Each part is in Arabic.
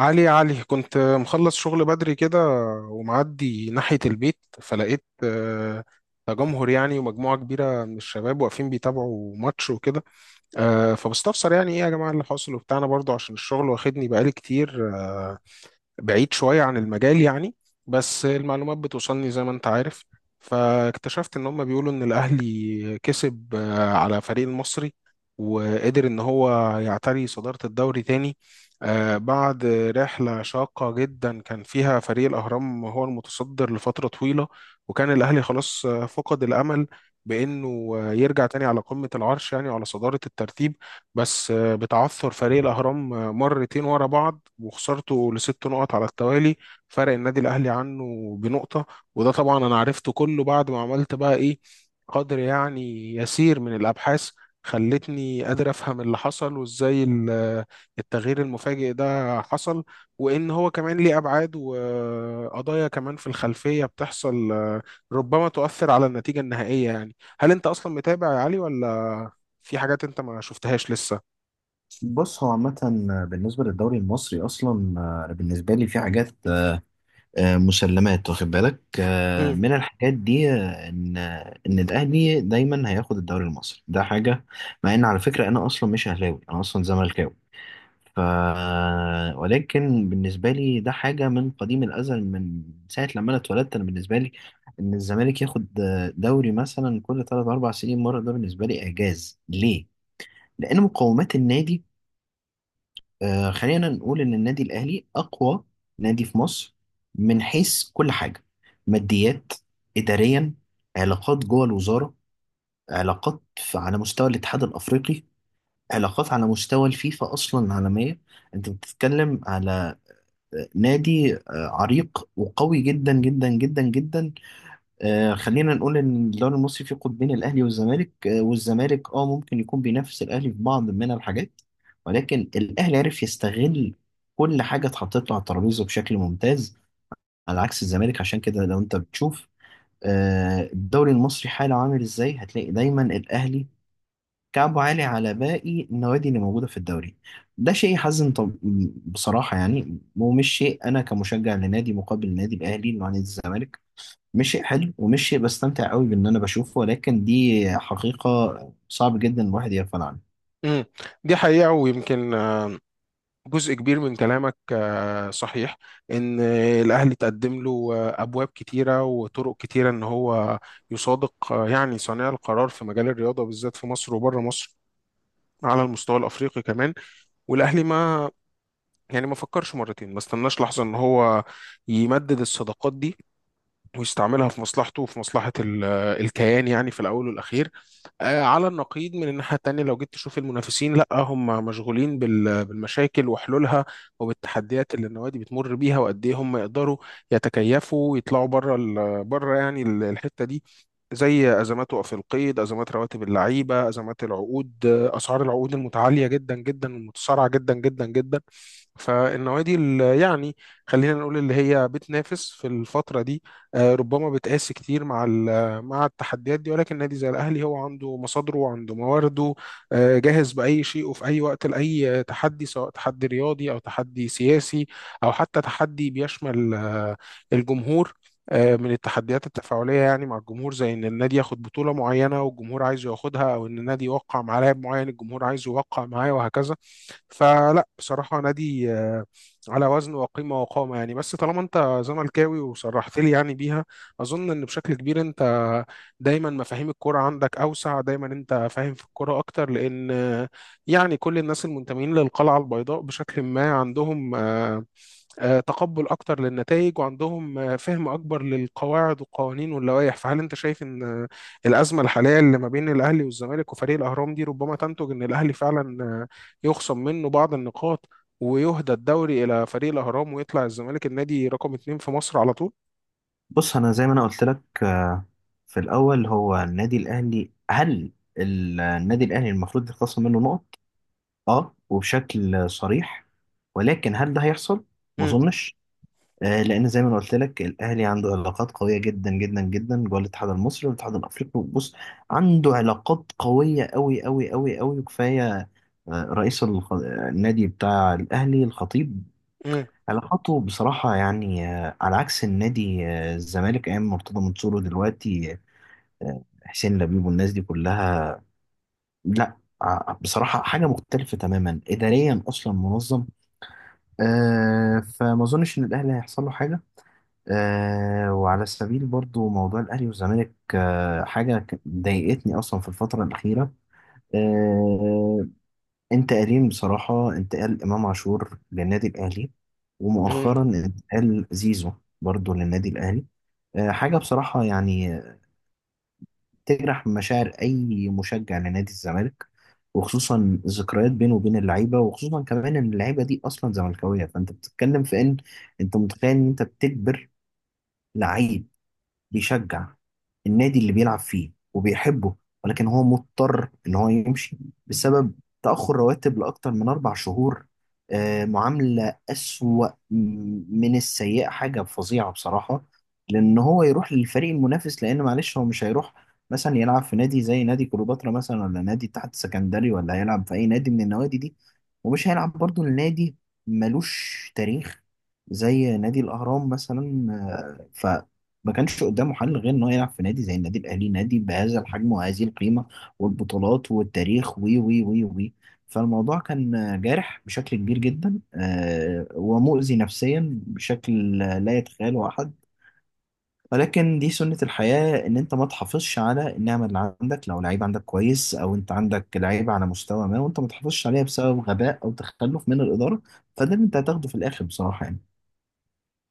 علي، يا علي، كنت مخلص شغل بدري كده ومعدي ناحية البيت فلقيت تجمهر، يعني، ومجموعة كبيرة من الشباب واقفين بيتابعوا ماتش وكده. فبستفسر، يعني، ايه يا جماعة اللي حاصل، وبتاعنا برضو عشان الشغل واخدني بقالي كتير بعيد شوية عن المجال، يعني، بس المعلومات بتوصلني زي ما انت عارف. فاكتشفت ان هم بيقولوا ان الاهلي كسب على فريق المصري، وقدر ان هو يعتري صدارة الدوري تاني بعد رحلة شاقة جدا كان فيها فريق الأهرام هو المتصدر لفترة طويلة، وكان الأهلي خلاص فقد الأمل بأنه يرجع تاني على قمة العرش، يعني على صدارة الترتيب، بس بتعثر فريق الأهرام مرتين ورا بعض وخسارته لست نقط على التوالي فرق النادي الأهلي عنه بنقطة. وده طبعا أنا عرفته كله بعد ما عملت بقى إيه قدر، يعني، يسير من الأبحاث، خلتني قادر أفهم اللي حصل وإزاي التغيير المفاجئ ده حصل، وإن هو كمان ليه أبعاد وقضايا كمان في الخلفية بتحصل ربما تؤثر على النتيجة النهائية. يعني، هل أنت أصلا متابع يا علي، ولا في حاجات أنت ما شفتهاش لسه؟ بص، هو عامة بالنسبة للدوري المصري أصلا، بالنسبة لي في حاجات، مسلمات، واخد بالك مم. من الحاجات دي، إن الأهلي دايما هياخد الدوري المصري، ده حاجة. مع إن على فكرة أنا أصلا مش أهلاوي، أنا أصلا زملكاوي، ف ولكن بالنسبة لي ده حاجة من قديم الأزل، من ساعة لما أنا اتولدت. أنا بالنسبة لي إن الزمالك ياخد دوري مثلا كل تلات أربع سنين مرة، ده بالنسبة لي إعجاز. ليه؟ لأن مقومات النادي، خلينا نقول إن النادي الأهلي أقوى نادي في مصر، من حيث كل حاجة: ماديات، إداريا، علاقات جوه الوزارة، على مستوى الاتحاد الأفريقي، علاقات على مستوى الفيفا أصلا عالمية. أنت بتتكلم على نادي عريق وقوي جدا جدا جدا جدا. خلينا نقول ان الدوري المصري فيه قطبين: الاهلي والزمالك، والزمالك ممكن يكون بينافس الاهلي في بعض من الحاجات، ولكن الاهلي عرف يستغل كل حاجه اتحطت له على الترابيزه بشكل ممتاز، على عكس الزمالك. عشان كده لو انت بتشوف الدوري المصري حاله عامل ازاي، هتلاقي دايما الاهلي كعبه عالي على باقي النوادي اللي موجوده في الدوري. ده شيء يحزن، طب بصراحه يعني، ومش شيء انا كمشجع لنادي مقابل النادي الاهلي وعن الزمالك مش شيء حلو، ومش شيء بستمتع قوي بان انا بشوفه، ولكن دي حقيقة صعب جدا الواحد يغفل عنها. مم. دي حقيقة، ويمكن جزء كبير من كلامك صحيح، ان الاهلي تقدم له ابواب كتيره وطرق كتيره ان هو يصادق، يعني، صانع القرار في مجال الرياضه، بالذات في مصر وبره مصر، على المستوى الافريقي كمان. والاهلي ما، يعني، ما فكرش مرتين، ما استناش لحظه ان هو يمدد الصداقات دي ويستعملها في مصلحته وفي مصلحه الكيان، يعني، في الاول والاخير. على النقيض من الناحية التانية لو جيت تشوف المنافسين، لا هم مشغولين بالمشاكل وحلولها، وبالتحديات اللي النوادي بتمر بيها وقد ايه هم يقدروا يتكيفوا ويطلعوا بره بره، يعني، الحتة دي، زي ازمات وقف القيد، ازمات رواتب اللعيبة، ازمات العقود، اسعار العقود المتعالية جدا جدا والمتسارعة جدا جدا جدا. فالنوادي اللي، يعني، خلينا نقول اللي هي بتنافس في الفترة دي ربما بتقاس كتير مع التحديات دي، ولكن نادي زي الاهلي هو عنده مصادره وعنده موارده، جاهز باي شيء وفي اي وقت لاي تحدي، سواء تحدي رياضي او تحدي سياسي او حتى تحدي بيشمل الجمهور، من التحديات التفاعلية يعني مع الجمهور، زي إن النادي ياخد بطولة معينة والجمهور عايزه ياخدها، أو إن النادي يوقع مع لاعب معين الجمهور عايزه يوقع معاه، وهكذا. فلا، بصراحة، نادي على وزن وقيمة وقامة، يعني. بس طالما أنت زملكاوي وصرحت لي، يعني، بيها، اظن ان بشكل كبير انت دايما مفاهيم الكوره عندك اوسع، دايما انت فاهم في الكوره اكتر، لان، يعني، كل الناس المنتمين للقلعه البيضاء بشكل ما عندهم تقبل اكتر للنتائج، وعندهم فهم اكبر للقواعد والقوانين واللوائح. فهل انت شايف ان الازمه الحاليه اللي ما بين الاهلي والزمالك وفريق الاهرام دي ربما تنتج ان الاهلي فعلا يخصم منه بعض النقاط ويهدى الدوري الى فريق الاهرام، ويطلع الزمالك النادي رقم 2 في مصر على طول؟ بص، انا زي ما انا قلت لك، في الاول هو النادي الاهلي، هل النادي الاهلي المفروض يتخصم منه نقط؟ اه وبشكل صريح، ولكن هل ده هيحصل؟ ما مم، اظنش. لان زي ما انا قلت لك، الاهلي عنده علاقات قويه جدا جدا جدا جوه الاتحاد المصري والاتحاد الافريقي. بص، عنده علاقات قويه قوي قوي قوي قوي، وكفايه رئيس الخ- آه، النادي بتاع الاهلي الخطيب، مم، علاقاته بصراحه يعني على عكس النادي الزمالك ايام مرتضى منصور ودلوقتي حسين لبيب والناس دي كلها. لا، بصراحه حاجه مختلفه تماما، اداريا اصلا منظم. فما اظنش ان الاهلي هيحصل له حاجه. وعلى سبيل برضو موضوع الأهلي والزمالك، حاجة ضايقتني أصلا في الفترة الأخيرة. آه انتقالين بصراحة: انتقال إمام عاشور للنادي الأهلي، مم. ومؤخرا انتقال زيزو برضو للنادي الأهلي. حاجة بصراحة يعني تجرح مشاعر أي مشجع لنادي الزمالك، وخصوصا الذكريات بينه وبين اللعيبة، وخصوصا كمان إن اللعيبة دي أصلا زملكاوية. فأنت بتتكلم في إن أنت متخيل إن أنت بتجبر لعيب بيشجع النادي اللي بيلعب فيه وبيحبه، ولكن هو مضطر ان هو يمشي بسبب تأخر رواتب لأكتر من 4 شهور. معاملة أسوأ من السيئة، حاجة فظيعة بصراحة. لأن هو يروح للفريق المنافس، لأن معلش هو مش هيروح مثلا يلعب في نادي زي نادي كليوباترا مثلا، ولا نادي الاتحاد السكندري، ولا هيلعب في أي نادي من النوادي دي، ومش هيلعب برضو لنادي ملوش تاريخ زي نادي الأهرام مثلا. آه، ما كانش قدامه حل غير انه يلعب في نادي زي النادي الاهلي، نادي بهذا الحجم وهذه القيمه والبطولات والتاريخ وي وي وي وي. فالموضوع كان جارح بشكل كبير جدا، ومؤذي نفسيا بشكل لا يتخيله احد، ولكن دي سنة الحياة، إن أنت ما تحافظش على النعمة اللي عندك. لو لعيب عندك كويس، أو أنت عندك لعيب على مستوى ما، وأنت ما تحافظش عليها بسبب غباء أو تخلف من الإدارة، فده اللي أنت هتاخده في الآخر بصراحة يعني.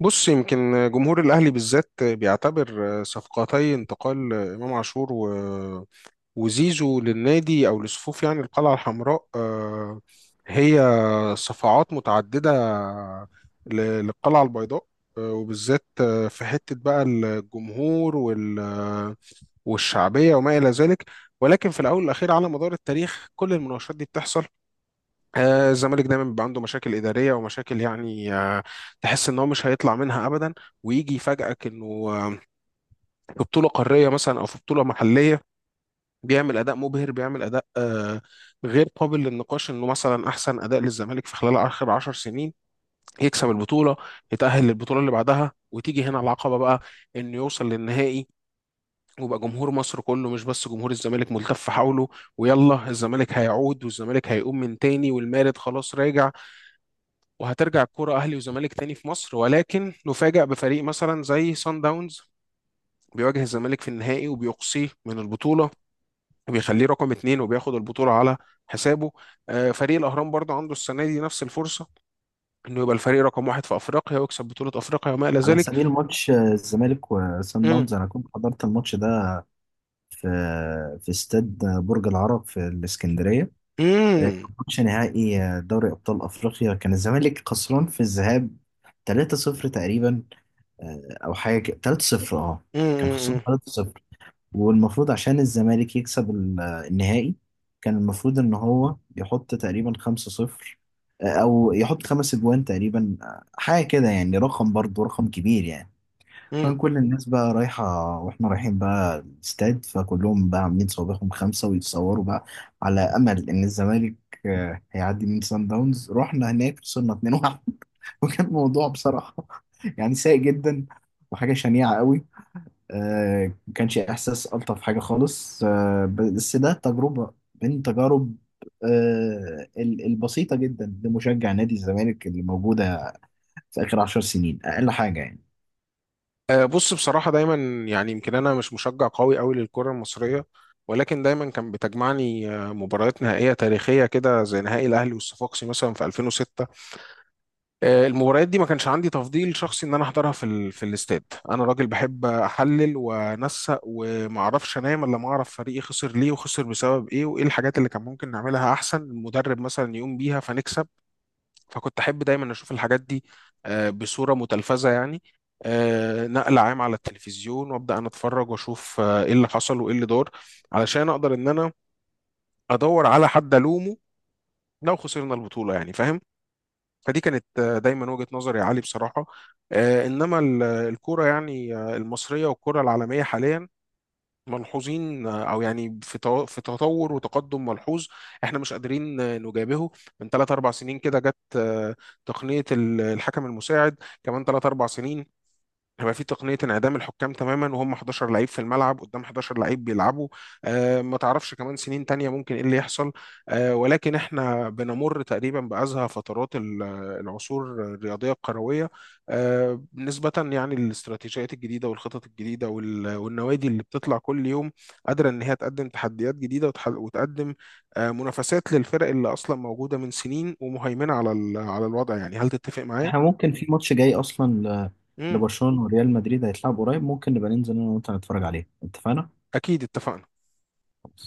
بص، يمكن جمهور الأهلي بالذات بيعتبر صفقتي انتقال إمام عاشور وزيزو للنادي، أو لصفوف، يعني، القلعة الحمراء، هي صفعات متعددة للقلعة البيضاء، وبالذات في حتة بقى الجمهور والشعبية وما إلى ذلك. ولكن في الأول والأخير، على مدار التاريخ، كل المناوشات دي بتحصل. الزمالك دايما بيبقى عنده مشاكل إدارية ومشاكل، يعني، تحس إن هو مش هيطلع منها أبدا، ويجي يفاجئك إنه في بطولة قارية مثلا أو في بطولة محلية بيعمل أداء مبهر، بيعمل أداء غير قابل للنقاش، إنه مثلا أحسن أداء للزمالك في خلال آخر 10 سنين، يكسب البطولة، يتأهل للبطولة اللي بعدها. وتيجي هنا العقبة بقى، إنه يوصل للنهائي ويبقى جمهور مصر كله، مش بس جمهور الزمالك، ملتف حوله، ويلا الزمالك هيعود، والزمالك هيقوم من تاني، والمارد خلاص راجع، وهترجع الكوره اهلي وزمالك تاني في مصر. ولكن نفاجأ بفريق مثلا زي سان داونز بيواجه الزمالك في النهائي وبيقصيه من البطوله وبيخليه رقم 2 وبياخد البطوله على حسابه. فريق الاهرام برضه عنده السنه دي نفس الفرصه انه يبقى الفريق رقم 1 في افريقيا ويكسب بطوله افريقيا وما الى على ذلك. سبيل ماتش الزمالك وسان مم، داونز، أنا كنت حضرت الماتش ده في استاد برج العرب في الإسكندرية. آه، مم، ماتش نهائي دوري أبطال أفريقيا، كان الزمالك خسران في الذهاب 3-0 تقريبا، أو حاجة كده، 3-0 أه، مم، كان خسران مم، 3-0. والمفروض عشان الزمالك يكسب النهائي كان المفروض إن هو يحط تقريبا 5-0، أو يحط 5 أجوان تقريبا، حاجة كده يعني، رقم برضه رقم كبير يعني. مم. كان كل الناس بقى رايحة، واحنا رايحين بقى الاستاد، فكلهم بقى عاملين صوابعهم 5 ويتصوروا بقى، على أمل إن الزمالك هيعدي من سان داونز. رحنا هناك وصلنا 2-1. وكان الموضوع بصراحة يعني سيء جدا، وحاجة شنيعة قوي. ما كانش إحساس ألطف حاجة خالص، بس ده تجربة من تجارب البسيطة جدا لمشجع نادي الزمالك اللي موجودة في آخر 10 سنين، أقل حاجة يعني. بص، بصراحة، دايما، يعني، يمكن أنا مش مشجع قوي قوي للكرة المصرية، ولكن دايما كان بتجمعني مباريات نهائية تاريخية كده، زي نهائي الأهلي والصفاقسي مثلا في 2006. المباريات دي ما كانش عندي تفضيل شخصي إن أنا أحضرها في الاستاد. أنا راجل بحب أحلل وأنسق وما أعرفش أنام إلا ما أعرف فريقي خسر ليه، وخسر بسبب إيه، وإيه الحاجات اللي كان ممكن نعملها أحسن المدرب مثلا يقوم بيها فنكسب. فكنت احب دايما اشوف الحاجات دي بصوره متلفزه، يعني نقل عام على التلفزيون، وابدا انا اتفرج واشوف ايه اللي حصل وايه اللي دار، علشان اقدر ان انا ادور على حد الومه لو خسرنا البطوله، يعني، فاهم. فدي كانت، دايما، وجهه نظري يا علي، بصراحه. انما الكوره، يعني، المصريه والكوره العالميه حاليا ملحوظين، او، يعني، في في تطور وتقدم ملحوظ احنا مش قادرين نجابهه. من ثلاث اربع سنين كده جت تقنيه الحكم المساعد. كمان ثلاث اربع سنين هيبقى في تقنية انعدام الحكام تماما، وهم 11 لعيب في الملعب قدام 11 لعيب بيلعبوا. ما تعرفش كمان سنين تانية ممكن ايه اللي يحصل. ولكن احنا بنمر تقريبا بأزهى فترات العصور الرياضية الكروية، نسبة، يعني، للاستراتيجيات الجديدة والخطط الجديدة والنوادي اللي بتطلع كل يوم قادرة ان هي تقدم تحديات جديدة وتقدم منافسات للفرق اللي اصلا موجودة من سنين ومهيمنة على على الوضع. يعني، هل تتفق معايا؟ احنا ممكن في ماتش جاي اصلا ل- مم. لبرشلونة وريال مدريد هيتلعب قريب، ممكن نبقى ننزل انا وانت نتفرج عليه، اتفقنا؟ اكيد اتفقنا خلاص.